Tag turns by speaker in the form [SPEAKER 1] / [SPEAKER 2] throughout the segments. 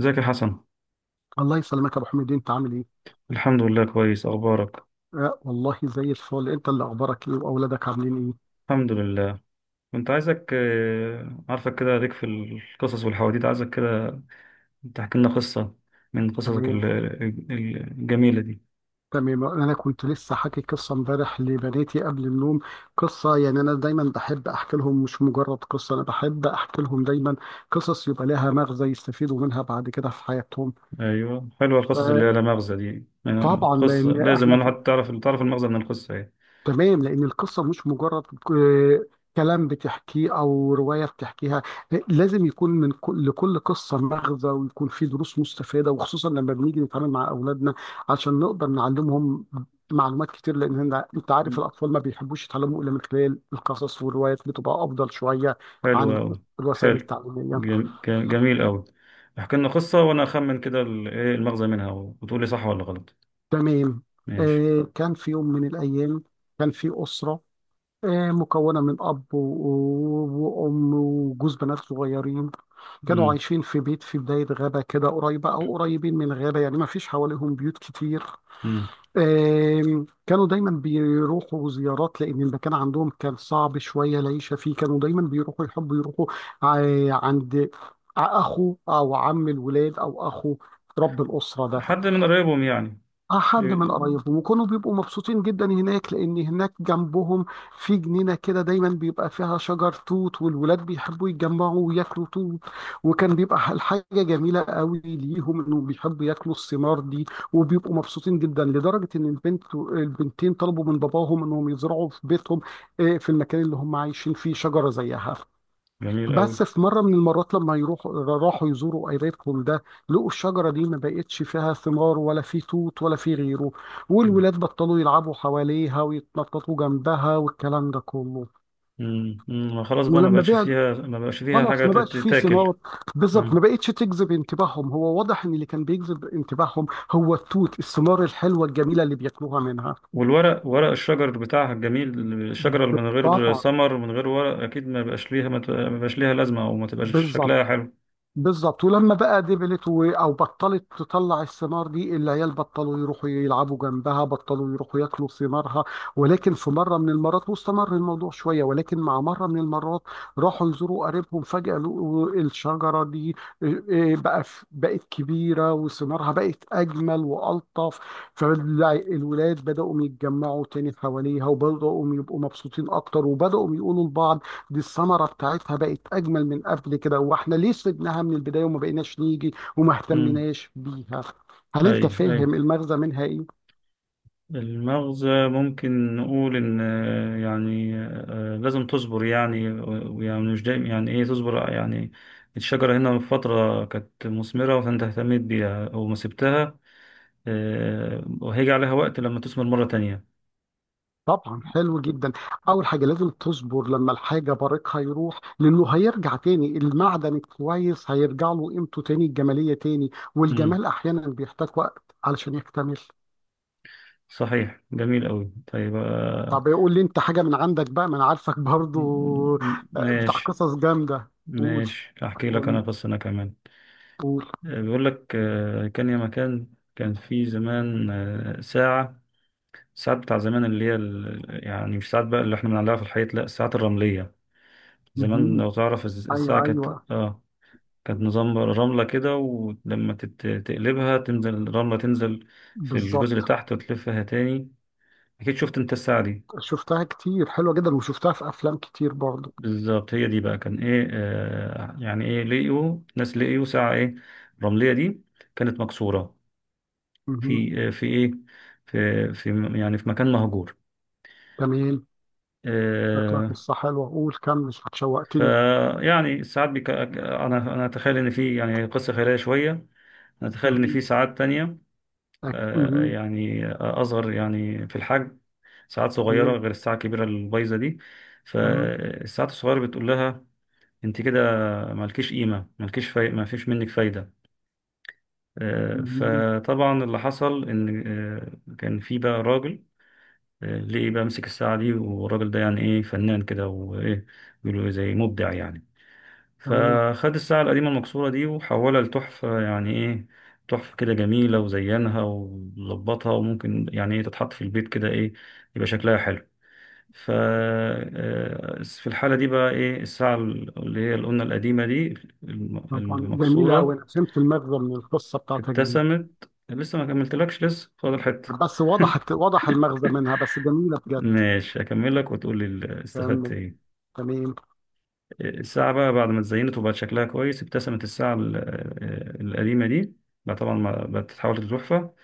[SPEAKER 1] ازيك يا حسن؟
[SPEAKER 2] الله يسلمك يا ابو حميد، انت عامل ايه؟
[SPEAKER 1] الحمد لله، كويس. اخبارك؟
[SPEAKER 2] آه والله زي الفل. انت اللي اخبارك ايه، واولادك عاملين ايه؟
[SPEAKER 1] الحمد لله. كنت عايزك، عارفك كده ليك في القصص والحواديت، عايزك كده تحكي لنا قصة من قصصك
[SPEAKER 2] تمام.
[SPEAKER 1] الجميلة دي.
[SPEAKER 2] تمام، انا كنت لسه حاكي قصه امبارح لبناتي قبل النوم. قصه، يعني انا دايما بحب احكي لهم مش مجرد قصه، انا بحب احكي لهم دايما قصص يبقى لها مغزى يستفيدوا منها بعد كده في حياتهم.
[SPEAKER 1] ايوه، حلوة القصص اللي هي لا مغزى دي.
[SPEAKER 2] فطبعا
[SPEAKER 1] قصة
[SPEAKER 2] لان
[SPEAKER 1] لازم
[SPEAKER 2] احنا،
[SPEAKER 1] انا، حتى تعرف، المغزى من القصة ايه.
[SPEAKER 2] تمام، لأن القصة مش مجرد كلام بتحكيه أو رواية بتحكيها. لازم يكون من كل لكل قصة مغزى، ويكون فيه دروس مستفادة، وخصوصا لما بنيجي نتعامل مع أولادنا عشان نقدر نعلمهم معلومات كتير، لأن أنت عارف
[SPEAKER 1] مم.
[SPEAKER 2] الأطفال ما بيحبوش يتعلموا إلا من خلال القصص، والروايات بتبقى أفضل شوية
[SPEAKER 1] حلوة
[SPEAKER 2] عن
[SPEAKER 1] أوي.
[SPEAKER 2] الوسائل
[SPEAKER 1] حلو.
[SPEAKER 2] التعليمية.
[SPEAKER 1] جميل أوي. احكي لنا قصة وأنا أخمن كده، إيه المغزى منها، وتقول لي صح ولا غلط.
[SPEAKER 2] تمام.
[SPEAKER 1] ماشي.
[SPEAKER 2] آه، كان في يوم من الأيام كان في أسرة، مكونة من أب وأم وجوز بنات صغيرين. كانوا
[SPEAKER 1] مم.
[SPEAKER 2] عايشين في بيت في بداية غابة كده، قريبة أو قريبين من غابة، يعني ما فيش حواليهم بيوت كتير.
[SPEAKER 1] مم.
[SPEAKER 2] كانوا دايما بيروحوا زيارات لأن المكان عندهم كان صعب شوية العيشة فيه. كانوا دايما بيروحوا، يحبوا يروحوا عند أخو أو عم الولاد، أو أخو رب الأسرة ده.
[SPEAKER 1] حد من قرايبهم يعني.
[SPEAKER 2] اه، حد من قرايبهم، وكانوا بيبقوا مبسوطين جدا هناك، لان هناك جنبهم في جنينه كده دايما بيبقى فيها شجر توت، والولاد بيحبوا يتجمعوا وياكلوا توت. وكان بيبقى الحاجه جميله قوي ليهم، انهم بيحبوا ياكلوا الثمار دي. وبيبقوا مبسوطين جدا لدرجه ان البنتين طلبوا من باباهم انهم يزرعوا في بيتهم، في المكان اللي هم عايشين فيه، شجره زيها.
[SPEAKER 1] جميل أوي.
[SPEAKER 2] بس في مرة من المرات لما يروحوا، راحوا يزوروا قريبهم ده، لقوا الشجرة دي ما بقتش فيها ثمار، ولا في توت ولا في غيره.
[SPEAKER 1] مم.
[SPEAKER 2] والولاد بطلوا يلعبوا حواليها، ويتنططوا جنبها، والكلام ده كله.
[SPEAKER 1] مم. ما خلاص بقى، ما
[SPEAKER 2] ولما
[SPEAKER 1] بقاش
[SPEAKER 2] بعد،
[SPEAKER 1] فيها، ما بقاش فيها
[SPEAKER 2] خلاص
[SPEAKER 1] حاجة
[SPEAKER 2] ما بقاش في
[SPEAKER 1] تتاكل.
[SPEAKER 2] ثمار. بالظبط، ما
[SPEAKER 1] مم.
[SPEAKER 2] بقتش تجذب انتباههم. هو واضح ان اللي كان بيجذب انتباههم هو التوت، الثمار الحلوة الجميلة اللي بياكلوها منها.
[SPEAKER 1] والورق، ورق الشجر بتاعها الجميل. الشجرة اللي من غير
[SPEAKER 2] طبعا.
[SPEAKER 1] ثمر، من غير ورق، أكيد ما بقاش ليها لازمة، أو ما تبقاش
[SPEAKER 2] بالظبط.
[SPEAKER 1] شكلها حلو.
[SPEAKER 2] بالظبط، ولما بقى دبلت او بطلت تطلع الثمار دي، العيال بطلوا يروحوا يلعبوا جنبها، بطلوا يروحوا ياكلوا ثمارها. ولكن في مره من المرات، واستمر الموضوع شويه، ولكن مع مره من المرات راحوا يزوروا قريبهم، فجاه لقوا الشجره دي، إيه، إيه، بقى بقت كبيره، وثمارها بقت اجمل والطف. فالولاد بداوا يتجمعوا تاني حواليها، وبداوا يبقوا مبسوطين اكتر، وبداوا يقولوا لبعض دي الثمره بتاعتها بقت اجمل من قبل كده، واحنا ليه سيبناها من البدايه وما بقيناش نيجي وما
[SPEAKER 1] مم.
[SPEAKER 2] اهتمناش بيها. هل انت
[SPEAKER 1] أي أي.
[SPEAKER 2] فاهم المغزى منها ايه؟
[SPEAKER 1] المغزى ممكن نقول إن، لازم تصبر يعني، ويعني مش دايما، يعني إيه، تصبر يعني. الشجرة هنا من فترة كانت مثمرة، فأنت اهتميت بيها أو ما سبتها، وهيجي عليها وقت لما تثمر مرة تانية.
[SPEAKER 2] طبعا، حلو جدا. اول حاجه لازم تصبر لما الحاجه بريقها يروح، لانه هيرجع تاني، المعدن الكويس هيرجع له قيمته تاني، الجماليه تاني،
[SPEAKER 1] مم.
[SPEAKER 2] والجمال احيانا بيحتاج وقت علشان يكتمل.
[SPEAKER 1] صحيح، جميل قوي. طيب.
[SPEAKER 2] طب يقول لي انت حاجه من عندك بقى، ما انا عارفك برضو بتاع
[SPEAKER 1] ماشي.
[SPEAKER 2] قصص جامده. قول،
[SPEAKER 1] ماشي، احكي لك انا
[SPEAKER 2] قول،
[SPEAKER 1] قصة انا كمان.
[SPEAKER 2] قول.
[SPEAKER 1] بيقول لك، كان يا مكان، كان في زمان، ساعة. الساعات بتاع زمان اللي هي، يعني مش ساعات بقى اللي احنا بنعلقها في الحيط، لا، الساعات الرملية.
[SPEAKER 2] مهم.
[SPEAKER 1] زمان، لو تعرف،
[SPEAKER 2] ايوه،
[SPEAKER 1] الساعة كانت
[SPEAKER 2] ايوه.
[SPEAKER 1] اه كانت نظام رملة كده، ولما تقلبها تنزل الرملة، تنزل في الجزء اللي
[SPEAKER 2] بالظبط،
[SPEAKER 1] تحت، وتلفها تاني. أكيد شفت أنت الساعة دي.
[SPEAKER 2] شفتها كتير، حلوة جدا، وشفتها في أفلام كتير برضه.
[SPEAKER 1] بالظبط. هي دي بقى، كان ايه، لقيوا ناس، لقيوا ساعة، ايه، رملية دي، كانت مكسورة.
[SPEAKER 2] مهم.
[SPEAKER 1] في آه في ايه في في يعني في مكان مهجور.
[SPEAKER 2] تمام. شكلها
[SPEAKER 1] آه.
[SPEAKER 2] قصة حلوة، قول كمل شوقتني.
[SPEAKER 1] فيعني ساعات بيك، انا اتخيل ان في، يعني، قصة خيالية شوية. انا اتخيل ان
[SPEAKER 2] مهم.
[SPEAKER 1] في ساعات تانية،
[SPEAKER 2] مهم.
[SPEAKER 1] يعني اصغر، يعني في الحجم، ساعات صغيرة
[SPEAKER 2] تمام.
[SPEAKER 1] غير الساعة الكبيرة البايظة دي.
[SPEAKER 2] مهم.
[SPEAKER 1] فالساعات الصغيرة بتقول لها، انت كده مالكيش قيمة، ما فيش منك فايدة.
[SPEAKER 2] مهم.
[SPEAKER 1] فطبعا اللي حصل ان، كان في بقى راجل، ليه بقى مسك الساعه دي. والراجل ده، يعني ايه، فنان كده، وايه، بيقولوا، زي مبدع يعني.
[SPEAKER 2] تمام،
[SPEAKER 1] فخد الساعه القديمه المكسوره دي وحولها لتحفه، يعني ايه، تحفه كده جميله، وزينها وظبطها، وممكن، يعني ايه، تتحط في البيت كده، ايه، يبقى شكلها حلو. ف آه، في الحاله دي بقى، ايه، الساعه اللي هي اللي قلنا القديمه دي،
[SPEAKER 2] طبعا جميلة أوي.
[SPEAKER 1] المكسوره،
[SPEAKER 2] أنا فهمت المغزى من القصة بتاعتك دي.
[SPEAKER 1] ابتسمت. لسه ما كملتلكش، لسه فاضل حتة.
[SPEAKER 2] بس وضحت، وضح المغزى منها، بس جميلة بجد.
[SPEAKER 1] ماشي، أكمل لك وتقول لي استفدت
[SPEAKER 2] كمل.
[SPEAKER 1] إيه.
[SPEAKER 2] تمام.
[SPEAKER 1] الساعة بقى بعد ما اتزينت وبقت شكلها كويس، ابتسمت الساعة القديمة دي. بقى طبعا ما بقت تتحول لتحفة.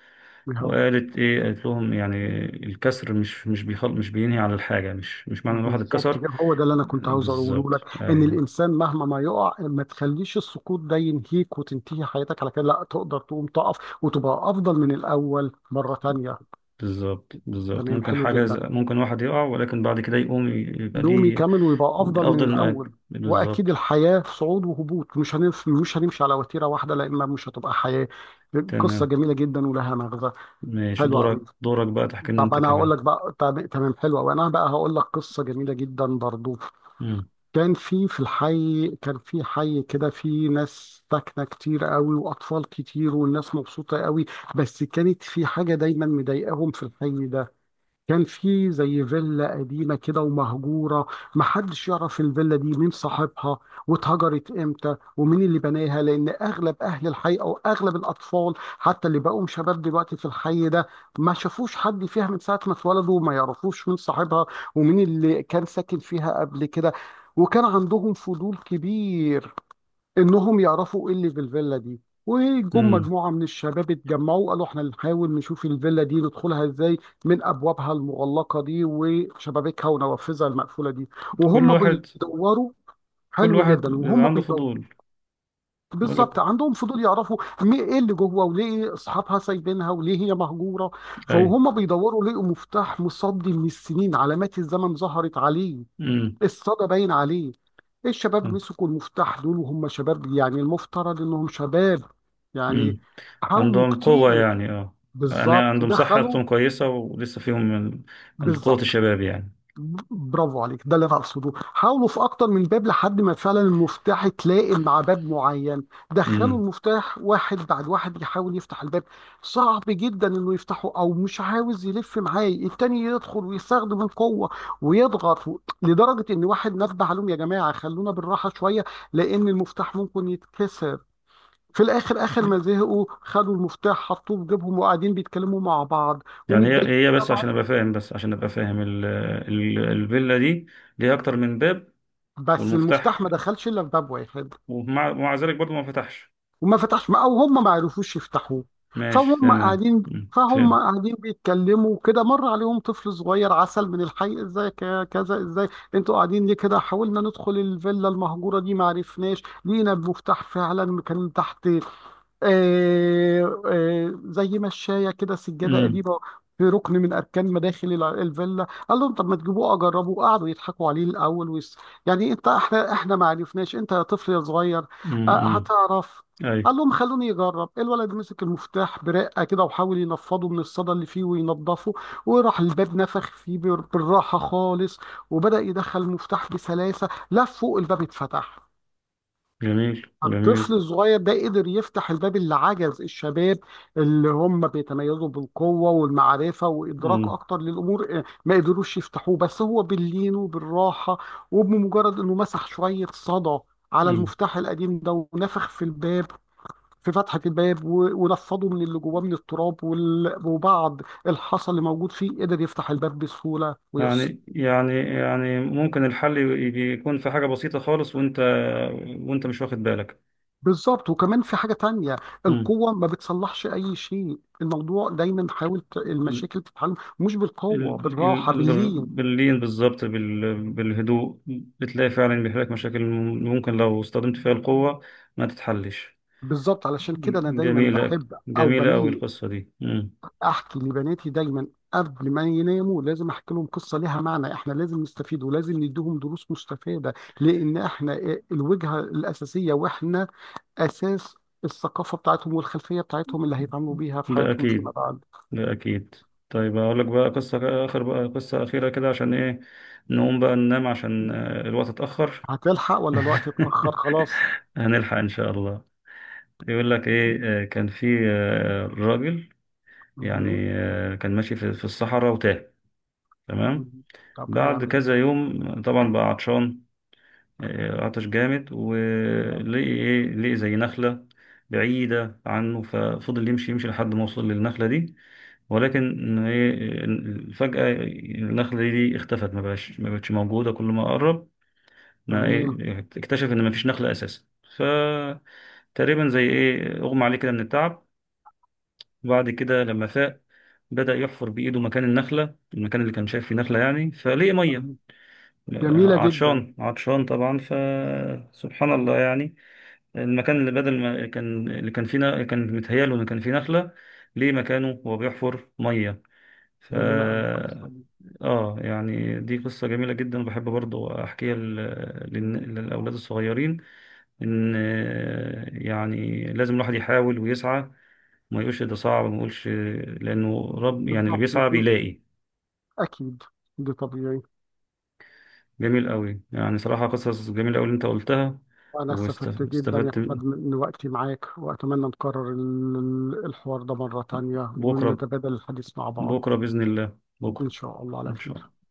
[SPEAKER 1] وقالت إيه، قالت لهم، يعني الكسر مش بينهي على الحاجة، مش معنى الواحد
[SPEAKER 2] بالظبط
[SPEAKER 1] اتكسر.
[SPEAKER 2] كده، هو ده اللي انا كنت عاوز اقوله لك،
[SPEAKER 1] بالظبط،
[SPEAKER 2] ان
[SPEAKER 1] أيوه.
[SPEAKER 2] الانسان مهما ما يقع، ما تخليش السقوط ده ينهيك وتنتهي حياتك على كده. لا، تقدر تقوم تقف وتبقى افضل من الاول مره تانية.
[SPEAKER 1] بالظبط، بالظبط،
[SPEAKER 2] تمام،
[SPEAKER 1] ممكن
[SPEAKER 2] حلو
[SPEAKER 1] حاجة
[SPEAKER 2] جدا.
[SPEAKER 1] ممكن واحد يقع، ولكن بعد كده يقوم يبقى
[SPEAKER 2] نقوم
[SPEAKER 1] ليه
[SPEAKER 2] يكمل ويبقى افضل من
[SPEAKER 1] أفضل.
[SPEAKER 2] الاول. واكيد
[SPEAKER 1] بالظبط.
[SPEAKER 2] الحياه في صعود وهبوط، مش هنمشي على وتيره واحده، لان مش هتبقى حياه. قصه
[SPEAKER 1] تمام.
[SPEAKER 2] جميله جدا ولها مغزى.
[SPEAKER 1] ماشي،
[SPEAKER 2] حلوه
[SPEAKER 1] دورك
[SPEAKER 2] قوي.
[SPEAKER 1] دورك بقى تحكي لنا
[SPEAKER 2] طب
[SPEAKER 1] انت
[SPEAKER 2] انا
[SPEAKER 1] كمان.
[SPEAKER 2] هقول لك بقى، تمام، حلوه. وانا بقى هقول لك قصه جميله جدا برضو.
[SPEAKER 1] امم.
[SPEAKER 2] كان في في الحي كان في حي كده في ناس ساكنة كتير قوي وأطفال كتير، والناس مبسوطة قوي. بس كانت في حاجة دايما مضايقاهم في الحي ده. كان في زي فيلا قديمة كده ومهجورة. محدش يعرف الفيلا دي مين صاحبها، واتهجرت امتى، ومين اللي بناها. لأن أغلب أهل الحي، أو أغلب الأطفال حتى اللي بقوا شباب دلوقتي في الحي ده، ما شافوش حد فيها من ساعة ما اتولدوا، وما يعرفوش مين صاحبها ومين اللي كان ساكن فيها قبل كده. وكان عندهم فضول كبير انهم يعرفوا ايه اللي في الفيلا دي. وجم
[SPEAKER 1] امم.
[SPEAKER 2] مجموعه من الشباب اتجمعوا، قالوا احنا نحاول نشوف الفيلا دي ندخلها ازاي من ابوابها المغلقه دي وشبابيكها ونوافذها المقفوله دي.
[SPEAKER 1] كل
[SPEAKER 2] وهم
[SPEAKER 1] واحد،
[SPEAKER 2] بيدوروا.
[SPEAKER 1] كل
[SPEAKER 2] حلو
[SPEAKER 1] واحد
[SPEAKER 2] جدا.
[SPEAKER 1] بيبقى
[SPEAKER 2] وهم
[SPEAKER 1] عنده
[SPEAKER 2] بيدوروا،
[SPEAKER 1] فضول. بقول لك.
[SPEAKER 2] بالظبط، عندهم فضول يعرفوا ايه اللي جوه، وليه اصحابها سايبينها وليه هي مهجوره.
[SPEAKER 1] اي.
[SPEAKER 2] فهم بيدوروا، لقوا مفتاح مصدي من السنين، علامات الزمن ظهرت عليه،
[SPEAKER 1] امم.
[SPEAKER 2] الصدى باين عليه. الشباب مسكوا المفتاح دول، وهم شباب يعني المفترض انهم شباب يعني،
[SPEAKER 1] امم.
[SPEAKER 2] حاولوا
[SPEAKER 1] عندهم قوة،
[SPEAKER 2] كتير.
[SPEAKER 1] يعني اه. يعني
[SPEAKER 2] بالظبط.
[SPEAKER 1] عندهم
[SPEAKER 2] دخلوا.
[SPEAKER 1] صحتهم كويسة، ولسه فيهم من قوة
[SPEAKER 2] بالظبط،
[SPEAKER 1] الشباب يعني.
[SPEAKER 2] برافو عليك، ده اللي انا اقصده. حاولوا في اكتر من باب لحد ما فعلا المفتاح يتلائم مع باب معين. دخلوا
[SPEAKER 1] امم.
[SPEAKER 2] المفتاح واحد بعد واحد يحاول يفتح الباب. صعب جدا انه يفتحه، او مش عاوز يلف. معايا التاني يدخل ويستخدم القوه ويضغط لدرجه ان واحد نبه عليهم يا جماعه خلونا بالراحه شويه، لان المفتاح ممكن يتكسر. في الاخر، اخر ما زهقوا، خدوا المفتاح حطوه في جيبهم وقاعدين بيتكلموا مع بعض
[SPEAKER 1] يعني
[SPEAKER 2] ومتضايقين
[SPEAKER 1] هي هي، بس عشان
[SPEAKER 2] طبعا.
[SPEAKER 1] ابقى فاهم، الفيلا دي ليها اكتر من باب؟
[SPEAKER 2] بس
[SPEAKER 1] والمفتاح،
[SPEAKER 2] المفتاح ما دخلش الا في باب واحد،
[SPEAKER 1] ومع ذلك برضه ما فتحش؟
[SPEAKER 2] وما فتحش، او هم ما عرفوش يفتحوه.
[SPEAKER 1] ماشي،
[SPEAKER 2] فهم
[SPEAKER 1] تمام،
[SPEAKER 2] قاعدين
[SPEAKER 1] مم،
[SPEAKER 2] فهم
[SPEAKER 1] فهمت.
[SPEAKER 2] قاعدين بيتكلموا كده، مر عليهم طفل صغير عسل من الحي، ازاي كذا، ازاي انتوا قاعدين ليه كده؟ حاولنا ندخل الفيلا المهجوره دي ما عرفناش. لقينا المفتاح فعلا كان تحت زي مشاية كده، سجادة
[SPEAKER 1] امم.
[SPEAKER 2] قديمة في ركن من أركان مداخل الفيلا. قال لهم طب ما تجيبوه أجربه. قعدوا يضحكوا عليه الأول، يعني أنت، إحنا ما عرفناش، أنت يا طفل يا صغير
[SPEAKER 1] امم.
[SPEAKER 2] هتعرف؟
[SPEAKER 1] اي.
[SPEAKER 2] قال لهم خلوني يجرب. الولد مسك المفتاح برقة كده، وحاول ينفضه من الصدى اللي فيه وينضفه، وراح الباب نفخ فيه بالراحة خالص، وبدأ يدخل المفتاح بسلاسة، لف فوق، الباب اتفتح.
[SPEAKER 1] جميل،
[SPEAKER 2] الطفل
[SPEAKER 1] جميل.
[SPEAKER 2] الصغير ده قدر يفتح الباب اللي عجز الشباب، اللي هم بيتميزوا بالقوة والمعرفة وإدراك
[SPEAKER 1] مم.
[SPEAKER 2] أكتر للأمور، ما قدروش يفتحوه، بس هو باللين وبالراحة. وبمجرد إنه مسح شوية صدى على
[SPEAKER 1] مم.
[SPEAKER 2] المفتاح القديم ده ونفخ في الباب، في فتحة الباب ونفضه من اللي جواه من التراب وبعض الحصى اللي موجود فيه، قدر يفتح الباب بسهولة ويسر.
[SPEAKER 1] يعني، ممكن الحل يكون في حاجة بسيطة خالص، وانت مش واخد بالك.
[SPEAKER 2] بالظبط، وكمان في حاجة تانية.
[SPEAKER 1] مم.
[SPEAKER 2] القوة ما بتصلحش أي شيء. الموضوع دايما حاول
[SPEAKER 1] ال-
[SPEAKER 2] المشاكل تتحل مش بالقوة،
[SPEAKER 1] ال-
[SPEAKER 2] بالراحة باللين.
[SPEAKER 1] باللين، بالظبط، بالهدوء، بتلاقي فعلا بيحل لك مشاكل. ممكن لو استخدمت فيها القوة ما تتحلش.
[SPEAKER 2] بالظبط، علشان كده أنا دايما
[SPEAKER 1] جميلة.
[SPEAKER 2] بحب أو
[SPEAKER 1] جميلة أوي
[SPEAKER 2] بميل
[SPEAKER 1] القصة دي. مم.
[SPEAKER 2] أحكي لبناتي دايما. قبل ما يناموا لازم أحكي لهم قصة لها معنى. إحنا لازم نستفيد، ولازم نديهم دروس مستفادة، لأن إحنا الوجهة الأساسية، وإحنا أساس الثقافة بتاعتهم والخلفية بتاعتهم اللي هيتعاملوا بيها في
[SPEAKER 1] ده
[SPEAKER 2] حياتهم فيما
[SPEAKER 1] أكيد.
[SPEAKER 2] بعد.
[SPEAKER 1] لا، أكيد. طيب، أقول لك بقى قصة آخر بقى قصة أخيرة كده، عشان إيه، نقوم بقى ننام، عشان الوقت اتأخر.
[SPEAKER 2] هتلحق ولا الوقت اتأخر خلاص؟
[SPEAKER 1] هنلحق إن شاء الله. يقول لك إيه، كان في، راجل،
[SPEAKER 2] مهم.
[SPEAKER 1] يعني، كان ماشي في الصحراء وتاه. تمام.
[SPEAKER 2] مم. طب لا،
[SPEAKER 1] بعد
[SPEAKER 2] يعمل ايه
[SPEAKER 1] كذا
[SPEAKER 2] بقى؟
[SPEAKER 1] يوم طبعا بقى عطشان،
[SPEAKER 2] مم.
[SPEAKER 1] عطش جامد،
[SPEAKER 2] طبعا.
[SPEAKER 1] ولقي إيه لقي زي نخلة بعيدة عنه، ففضل يمشي يمشي لحد ما وصل للنخلة دي. ولكن إيه، فجأة النخلة دي اختفت، ما بقتش موجودة. كل ما قرب، ما
[SPEAKER 2] تمام.
[SPEAKER 1] إيه اكتشف إن ما فيش نخلة أساسا. ف تقريبا، زي إيه أغمى عليه كده من التعب. وبعد كده لما فاق، بدأ يحفر بإيده مكان النخلة، المكان اللي كان شايف فيه نخلة يعني، فلقي مية.
[SPEAKER 2] تمام. جميلة جدا.
[SPEAKER 1] عطشان، عطشان طبعا، فسبحان الله يعني. المكان اللي بدل ما كان، اللي كان فيه كان متهيأله إن كان فيه نخلة، ليه مكانه وهو بيحفر مية. ف
[SPEAKER 2] جميلة أوي القصة دي.
[SPEAKER 1] اه يعني دي قصة جميلة جدا، وبحب برضو احكيها للاولاد الصغيرين، ان، يعني لازم الواحد يحاول ويسعى، ما يقولش ده صعب، ما يقولش، لانه رب يعني، اللي
[SPEAKER 2] بالظبط،
[SPEAKER 1] بيسعى بيلاقي.
[SPEAKER 2] أكيد، ده طبيعي.
[SPEAKER 1] جميل قوي، يعني صراحة قصص جميلة قوي اللي انت قلتها.
[SPEAKER 2] أنا استفدت جدا يا
[SPEAKER 1] واستفدت.
[SPEAKER 2] أحمد من وقتي معاك، وأتمنى نكرر الحوار ده مرة تانية
[SPEAKER 1] بكرة.
[SPEAKER 2] ونتبادل الحديث مع بعض
[SPEAKER 1] بكرة بإذن الله،
[SPEAKER 2] إن
[SPEAKER 1] بكرة.
[SPEAKER 2] شاء الله على
[SPEAKER 1] ان شاء
[SPEAKER 2] خير.
[SPEAKER 1] الله.